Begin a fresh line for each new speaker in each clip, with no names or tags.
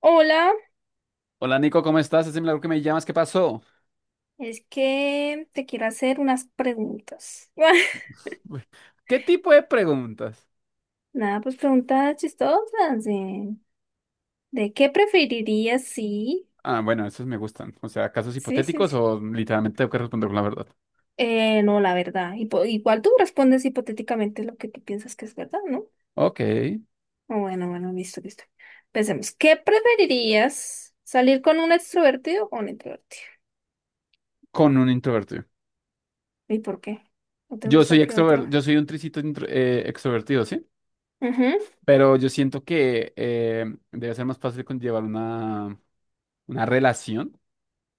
Hola,
Hola Nico, ¿cómo estás? Es milagro que me llamas, ¿qué pasó?
es que te quiero hacer unas preguntas.
Uy. ¿Qué tipo de preguntas?
Nada, pues preguntas chistosas. De qué preferirías si?
Ah, bueno, esos me gustan. O sea, casos
Sí, sí,
hipotéticos
sí.
o literalmente tengo que responder con la verdad.
No, la verdad. Igual tú respondes hipotéticamente lo que tú piensas que es verdad, ¿no?
Ok,
Ah, bueno, bueno, listo, listo. Pensemos, ¿qué preferirías? ¿Salir con un extrovertido o un introvertido?
con un introvertido.
¿Y por qué? ¿No te
Yo soy
gusta que otro?
extrovertido, yo soy un tricito extrovertido, ¿sí?
Ujú.
Pero yo siento que debe ser más fácil conllevar una relación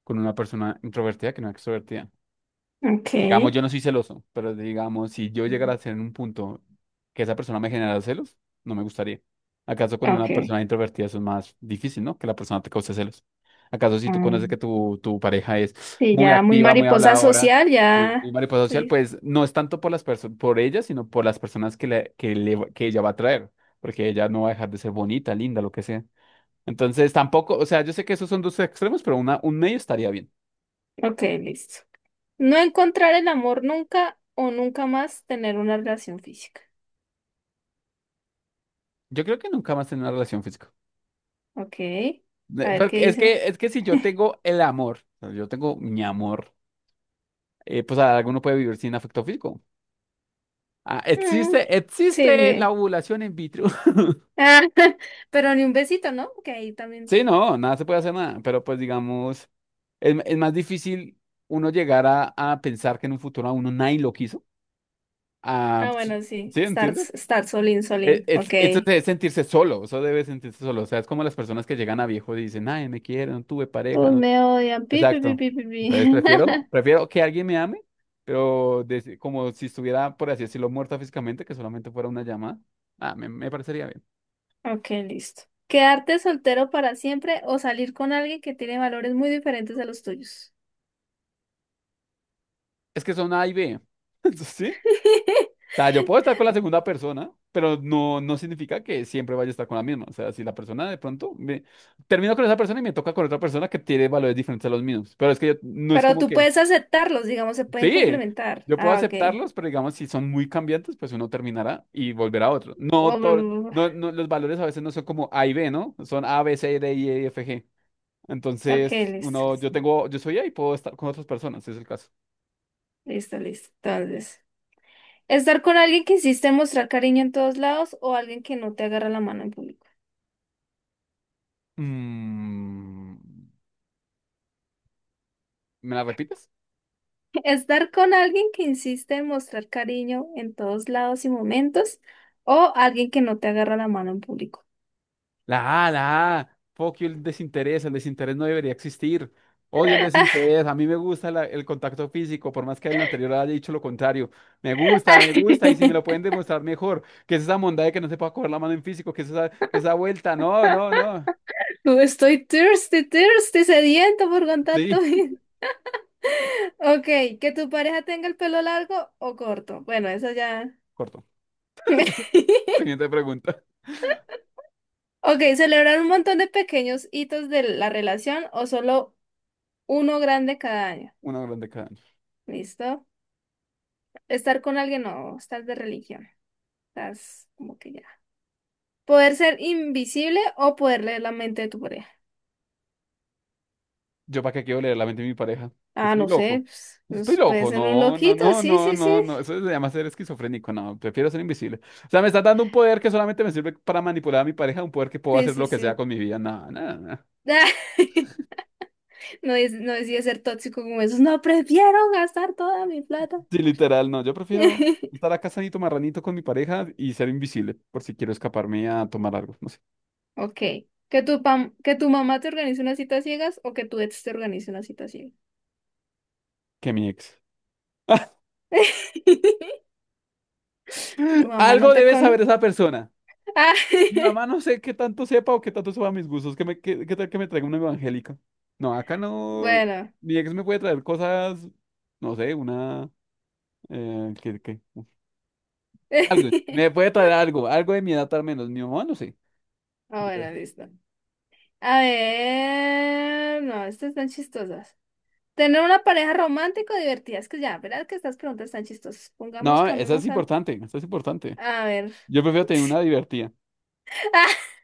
con una persona introvertida que no extrovertida.
Ok,
Digamos, yo no soy celoso, pero digamos, si yo llegara a ser en un punto que esa persona me generara celos, no me gustaría. ¿Acaso con una
ok.
persona introvertida eso es más difícil, no? Que la persona te cause celos. ¿Acaso si tú conoces que
Mm.
tu pareja es
Sí,
muy
ya muy
activa, muy
mariposa
habladora,
social,
sí, muy
ya.
mariposa social,
Sí.
pues no es tanto por ella, sino por las personas que ella va a traer, porque ella no va a dejar de ser bonita, linda, lo que sea. Entonces, tampoco, o sea, yo sé que esos son dos extremos, pero un medio estaría bien.
Ok, listo. No encontrar el amor nunca o nunca más tener una relación física.
Yo creo que nunca más tener una relación física.
Ok. A
Ne-
ver qué
porque Es
dice.
que, es que si yo tengo el amor, o sea, yo tengo mi amor, pues alguno puede vivir sin afecto físico. Ah,
Mm,
existe,
sí,
existe la
sí.
ovulación in vitro.
Ah, pero ni un besito, ¿no? Que ahí también.
Sí, no, nada se puede hacer nada, pero pues digamos, es más difícil uno llegar a pensar que en un futuro a uno nadie lo quiso. Ah,
Ah, bueno, sí.
¿sí,
Estar,
entiendes?
estar solín, solín. Ok.
Eso debe sentirse solo, eso debe sentirse solo. O sea, es como las personas que llegan a viejo y dicen, ay, me quieren, no tuve pareja,
Todos
no.
me odian. Pi, pi, pi,
Exacto.
pi, pi, pi.
Entonces, prefiero, prefiero que alguien me ame, pero como si estuviera, por así decirlo, muerta físicamente, que solamente fuera una llamada. Ah, me parecería bien.
Ok, listo. ¿Quedarte soltero para siempre o salir con alguien que tiene valores muy diferentes a los tuyos?
Es que son A y B. ¿Sí? O sea, yo puedo estar con la segunda persona, pero no significa que siempre vaya a estar con la misma. O sea, si la persona de pronto me termino con esa persona y me toca con otra persona que tiene valores diferentes a los míos. Pero es que no es
Pero
como
tú
que.
puedes aceptarlos, digamos, se pueden
Sí,
complementar.
yo puedo
Ah, ok.
aceptarlos, pero digamos, si son muy cambiantes, pues uno terminará y volverá a otro. No,
Oh, mm.
no, no, los valores a veces no son como A y B, ¿no? Son A, B, C, D, E, F, G.
Ok,
Entonces,
listo, listo,
yo soy A y puedo estar con otras personas, si es el caso.
listo, listo. Entonces, estar con alguien que insiste en mostrar cariño en todos lados o alguien que no te agarra la mano en público.
Mm, ¿me la repites?
Estar con alguien que insiste en mostrar cariño en todos lados y momentos o alguien que no te agarra la mano en público.
La A. Fuck you, el desinterés. El desinterés no debería existir. Odio el desinterés. A mí me gusta el contacto físico, por más que el anterior haya dicho lo contrario. Me gusta, me gusta. Y si me lo pueden demostrar mejor, que es esa bondad de que no se pueda coger la mano en físico, que es esa, que esa vuelta. No, no, no.
Estoy thirsty, thirsty, sediento por contacto.
Sí,
Ok, que tu pareja tenga el pelo largo o corto. Bueno, eso ya.
corto. Siguiente pregunta.
Ok, ¿celebrar un montón de pequeños hitos de la relación o solo uno grande cada año?
Una grande cada.
¿Listo? Estar con alguien o estás de religión. Estás como que ya. ¿Poder ser invisible o poder leer la mente de tu pareja?
Yo para qué quiero leer la mente de mi pareja.
Ah,
Estoy
no sé,
loco.
pues,
Estoy
pues puede
loco.
ser un
No, no,
loquito,
no,
sí,
no,
sí, sí.
no, no. Eso se llama ser esquizofrénico. No, prefiero ser invisible. O sea, me estás dando un poder que solamente me sirve para manipular a mi pareja, un poder que puedo
Sí,
hacer
sí,
lo que sea
sí.
con mi vida. No, no, no.
No, es, no decía ser tóxico como esos. No, prefiero gastar toda mi plata.
Sí, literal, no. Yo prefiero estar acá sanito marranito con mi pareja y ser invisible por si quiero escaparme a tomar algo. No sé,
Ok. ¿Que tu, que tu mamá te organice una cita a ciegas o que tu ex te organice una cita a ciegas?
que mi ex.
Tu mamá no
Algo
te
debe saber
conoce.
esa persona.
Ah,
Mi mamá no sé qué tanto sepa o qué tanto sepa mis gustos. ¿Qué tal que me traiga una evangélica? No, acá no.
bueno.
Mi ex me puede traer cosas, no sé, una... ¿Qué? Algo. Me puede traer algo, algo de mi edad al menos. Mi mamá no sé.
Ah,
Me puede-.
bueno, listo. A ver. No, estas están chistosas. Tener una pareja romántica o divertida. Es que ya, ¿verdad que estas preguntas están chistosas? Pongamos,
No, eso es
cambiemos algo.
importante, eso es importante.
A ver.
Yo prefiero tener una divertida.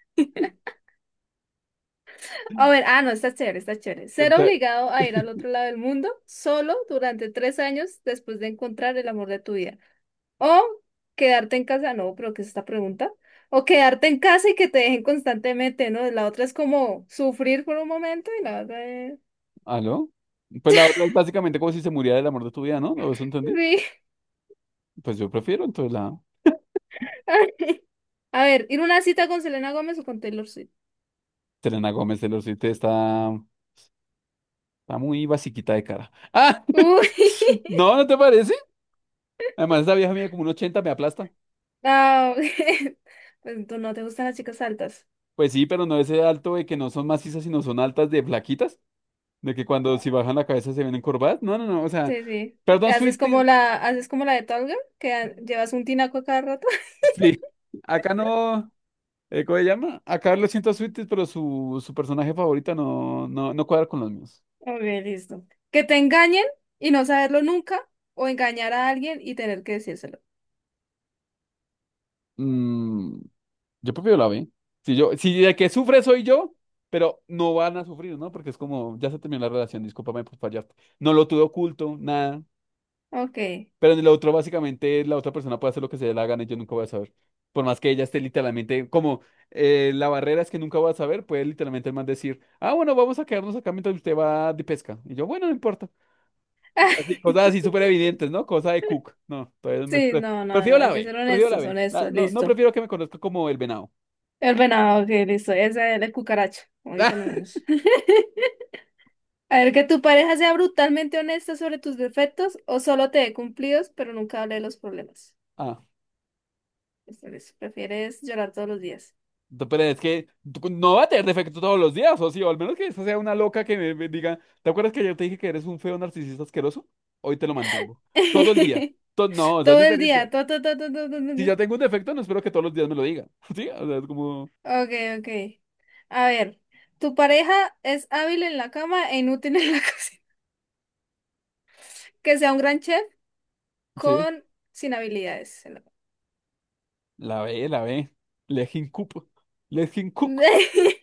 Ah, a ver, ah, no, está chévere, está chévere. Ser
Entra-
obligado a ir al otro lado del mundo solo durante 3 años después de encontrar el amor de tu vida. O quedarte en casa, no, pero ¿qué es esta pregunta? O quedarte en casa y que te dejen constantemente, ¿no? La otra es como sufrir por un momento y la otra es...
¿Aló? Pues la otra es básicamente como si se muriera el amor de tu vida, ¿no? ¿No? ¿Eso entendí?
Sí.
Pues yo prefiero, entonces la...
A ver, ¿ir a una cita con Selena Gómez o con Taylor Swift?
Selena Gómez, Taylor Swift está... Está muy basiquita de cara. ¡Ah!
Uy.
No, ¿no te parece? Además, esa vieja mía como un 80 me aplasta.
No. Pues tú no te gustan las chicas altas.
Pues sí, pero no ese alto de que no son macizas, sino son altas de flaquitas. De que cuando si
Ah.
bajan la cabeza se ven encorvadas. No, no, no. O sea,
Sí, sí.
perdón, Sweetie.
Haces como la de Tall Girl, que llevas un tinaco a cada rato.
Sí. Acá no. ¿Cómo se llama? Acá lo siento a Sweetie, pero su personaje favorita no, no, no cuadra con los míos.
Ok, listo. Que te engañen y no saberlo nunca, o engañar a alguien y tener que decírselo.
Mm, Yo prefiero la B. Si de que sufre soy yo, pero no van a sufrir, ¿no? Porque es como, ya se terminó la relación, discúlpame por fallarte. No lo tuve oculto, nada.
Ok.
Pero en el otro, básicamente, la otra persona puede hacer lo que se le dé la gana y yo nunca voy a saber. Por más que ella esté literalmente, como la barrera es que nunca voy a saber, puede literalmente el man decir, ah, bueno, vamos a quedarnos acá mientras usted va de pesca. Y yo, bueno, no importa. Así, cosas así súper evidentes, ¿no? Cosa de Cook. No, todavía me...
Sí,
pre-
no, no,
Prefiero
no,
la
hay que
B,
ser
prefiero la
honestos,
B.
honestos,
No, no
listo.
prefiero que me conozca como el venado.
El venado, ok, listo, esa es la cucaracha, como dicen algunos. A ver, que tu pareja sea brutalmente honesta sobre tus defectos o solo te dé cumplidos, pero nunca hable de los problemas.
Ah.
Listo, listo. Prefieres llorar todos los días.
Pero es que tú no va a tener defecto todos los días, o sí, o al menos que esa sea una loca que me diga, ¿te acuerdas que ayer te dije que eres un feo narcisista asqueroso? Hoy te lo mantengo. Todo el día. No, o sea, es
Todo el día.
diferente.
Todo, todo, todo, todo, todo,
Si
todo.
ya tengo un defecto, no espero que todos los días me lo diga. Sí, o sea, es como,
Ok, ok. A ver, tu pareja es hábil en la cama e inútil en la cocina. Que sea un gran chef
sí,
con sin habilidades en la cama.
la ve, la ve. Let him cook. Let him cook.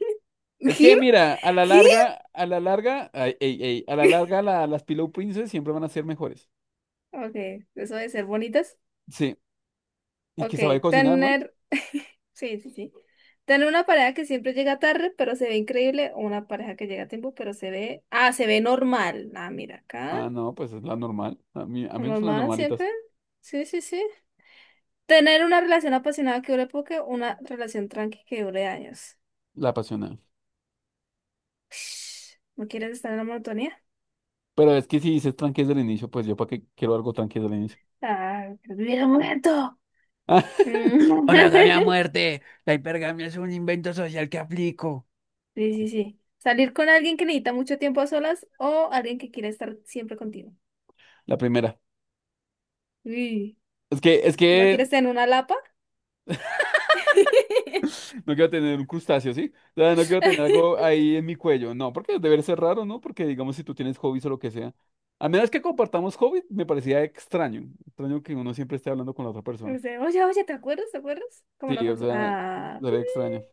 Es que
¿Him?
mira,
¿Him?
a la larga, ay, ey, ey, a la larga las Pillow Princess siempre van a ser mejores.
Ok, eso de ser bonitas.
Sí, y que
Ok,
sabe cocinar, ¿no?
tener. Sí, sí, sí. Tener una pareja que siempre llega tarde, pero se ve increíble. O una pareja que llega a tiempo, pero se ve. Ah, se ve normal. Ah, mira acá.
Ah, no, pues es la normal. A mí me gustan las
Normal
normalitas.
siempre. Sí, sí, sí. Tener una relación apasionada que dure poco, una relación tranqui que dure años.
La apasionada.
Ush, ¿no quieres estar en la monotonía?
Pero es que si dices tranqui desde el inicio, pues yo para qué quiero algo tranqui desde el inicio.
Ah, quiero vivir un momento.
Monogamia a muerte. La hipergamia es un invento social que aplico.
Sí, sí, sí. Salir con alguien que necesita mucho tiempo a solas o alguien que quiere estar siempre contigo.
La primera.
Uy,
Es que, es
¿no
que
quieres tener una lapa?
no quiero tener un crustáceo, ¿sí? O sea, no quiero tener algo ahí en mi cuello. No, porque debe ser raro, ¿no? Porque digamos si tú tienes hobbies o lo que sea. A menos que compartamos hobbies, me parecía extraño. Extraño que uno siempre esté hablando con la otra persona.
No sé, oye, oye, ¿te acuerdas? ¿Te acuerdas? Como
Sí, o
nosotros.
sea,
Ah.
sería extraño.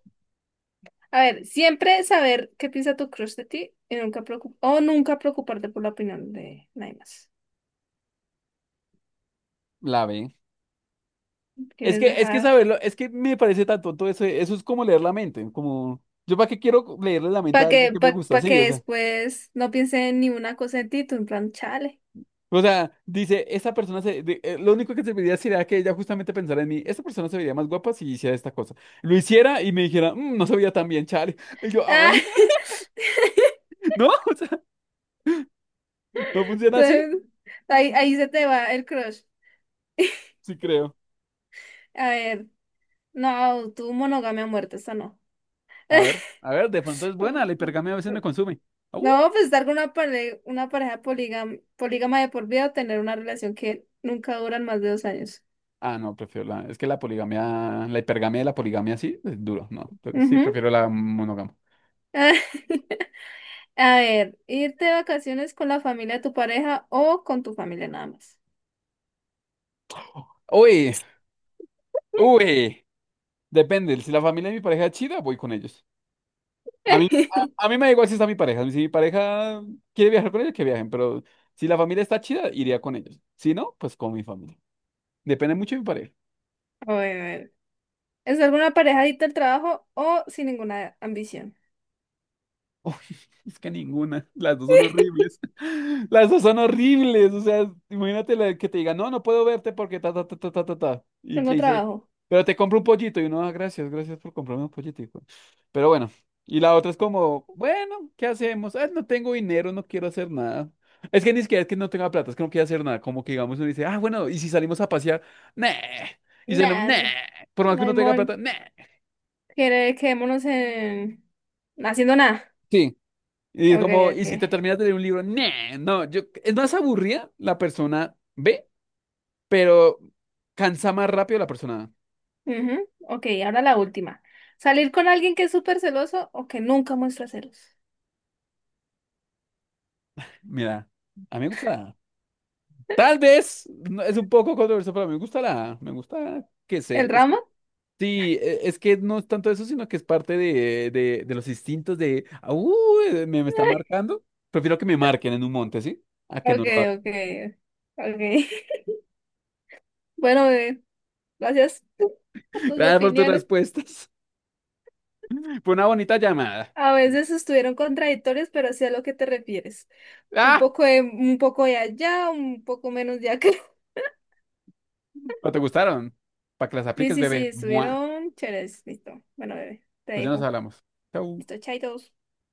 A ver, siempre saber qué piensa tu crush de ti y nunca o nunca preocuparte por la opinión de nadie más.
La B. Es
¿Quieres
que, es que
dejar?
saberlo, es que me parece tan tonto eso, eso es como leer la mente, como, yo para qué quiero leerle la mente
Para
a
que,
alguien que me gusta,
pa que
sí, o sea,
después no piense en ninguna cosa en ti, tú en plan, chale.
dice, esa persona lo único que serviría sería que ella justamente pensara en mí, esta persona se vería más guapa si hiciera esta cosa, lo hiciera y me dijera, "Mm, no se veía tan bien, chale", y yo,
Ah.
ay, no, o sea, no funciona así,
Entonces, ahí, ahí se te va el crush.
sí creo,
A ver. No, tu monogamia a muerte, esa no.
a ver, de pronto es buena, la hipergamia a veces me consume, ah, uh.
No, pues estar con una, una pareja polígama, polígama de por vida o tener una relación que nunca duran más de 2 años.
Ah, no, prefiero es que la poligamia, la hipergamia y la poligamia sí, es duro, no, sí,
Ujú.
prefiero la monogamia.
A ver, irte de vacaciones con la familia de tu pareja o con tu familia nada más.
Uy, uy, depende. Si la familia de mi pareja es chida, voy con ellos. A mí, a mí me da igual si está mi pareja. Si mi pareja quiere viajar con ellos, que viajen. Pero si la familia está chida, iría con ellos. Si no, pues con mi familia. Depende mucho de mi pareja.
A ver, a ver. ¿Es alguna pareja adicta al trabajo o sin ninguna ambición?
Uy, es que ninguna, las dos son horribles. Las dos son horribles, o sea, imagínate la que te diga, no, no puedo verte porque ta, ta, ta, ta, ta, ta, ta. Y te
Tengo
dice,
trabajo.
pero te compro un pollito. Y uno, "Ah, gracias, gracias por comprarme un pollito, hijo". Pero bueno, y la otra es como, bueno, ¿qué hacemos? Ah, no tengo dinero, no quiero hacer nada. Es que ni siquiera es que no tenga plata, es que no quiero hacer nada. Como que digamos, uno dice, ah, bueno, y si salimos a pasear, nah. Y salimos,
Nah,
nah.
n-
Por más que
no
uno
hay
tenga plata,
mon.
nah.
Quedémonos en... haciendo nada.
Sí. Y es
Ok,
como, y
ok.
si te terminas de leer un libro, "Nah, no, yo, es más aburrida la persona B, pero cansa más rápido la persona A".
Ujú. Ok, ahora la última. ¿Salir con alguien que es súper celoso o que nunca muestra celos?
Mira, a mí me gusta la A. Tal vez es un poco controversial, pero me gusta la A. Me gusta que
¿El
ser.
drama?
Sí, es que no es tanto eso, sino que es parte de los instintos de, "Ah, uy, me está marcando". Prefiero que me marquen en un monte, ¿sí? A que no
Ok,
lo hagan.
ok, ok. Bueno, bebé, gracias a tus
Gracias por tus
opiniones.
respuestas. Fue una bonita llamada.
A veces estuvieron contradictorias, pero sí a lo que te refieres. Un poco de allá, un poco menos de acá.
¿O te gustaron? Para que las
Sí,
apliques,
sí, sí,
bebé. Mua.
estuvieron chéveres. Listo. Bueno, bebé, te
Pues ya nos
dejo.
hablamos. Chau.
Listo, chaitos.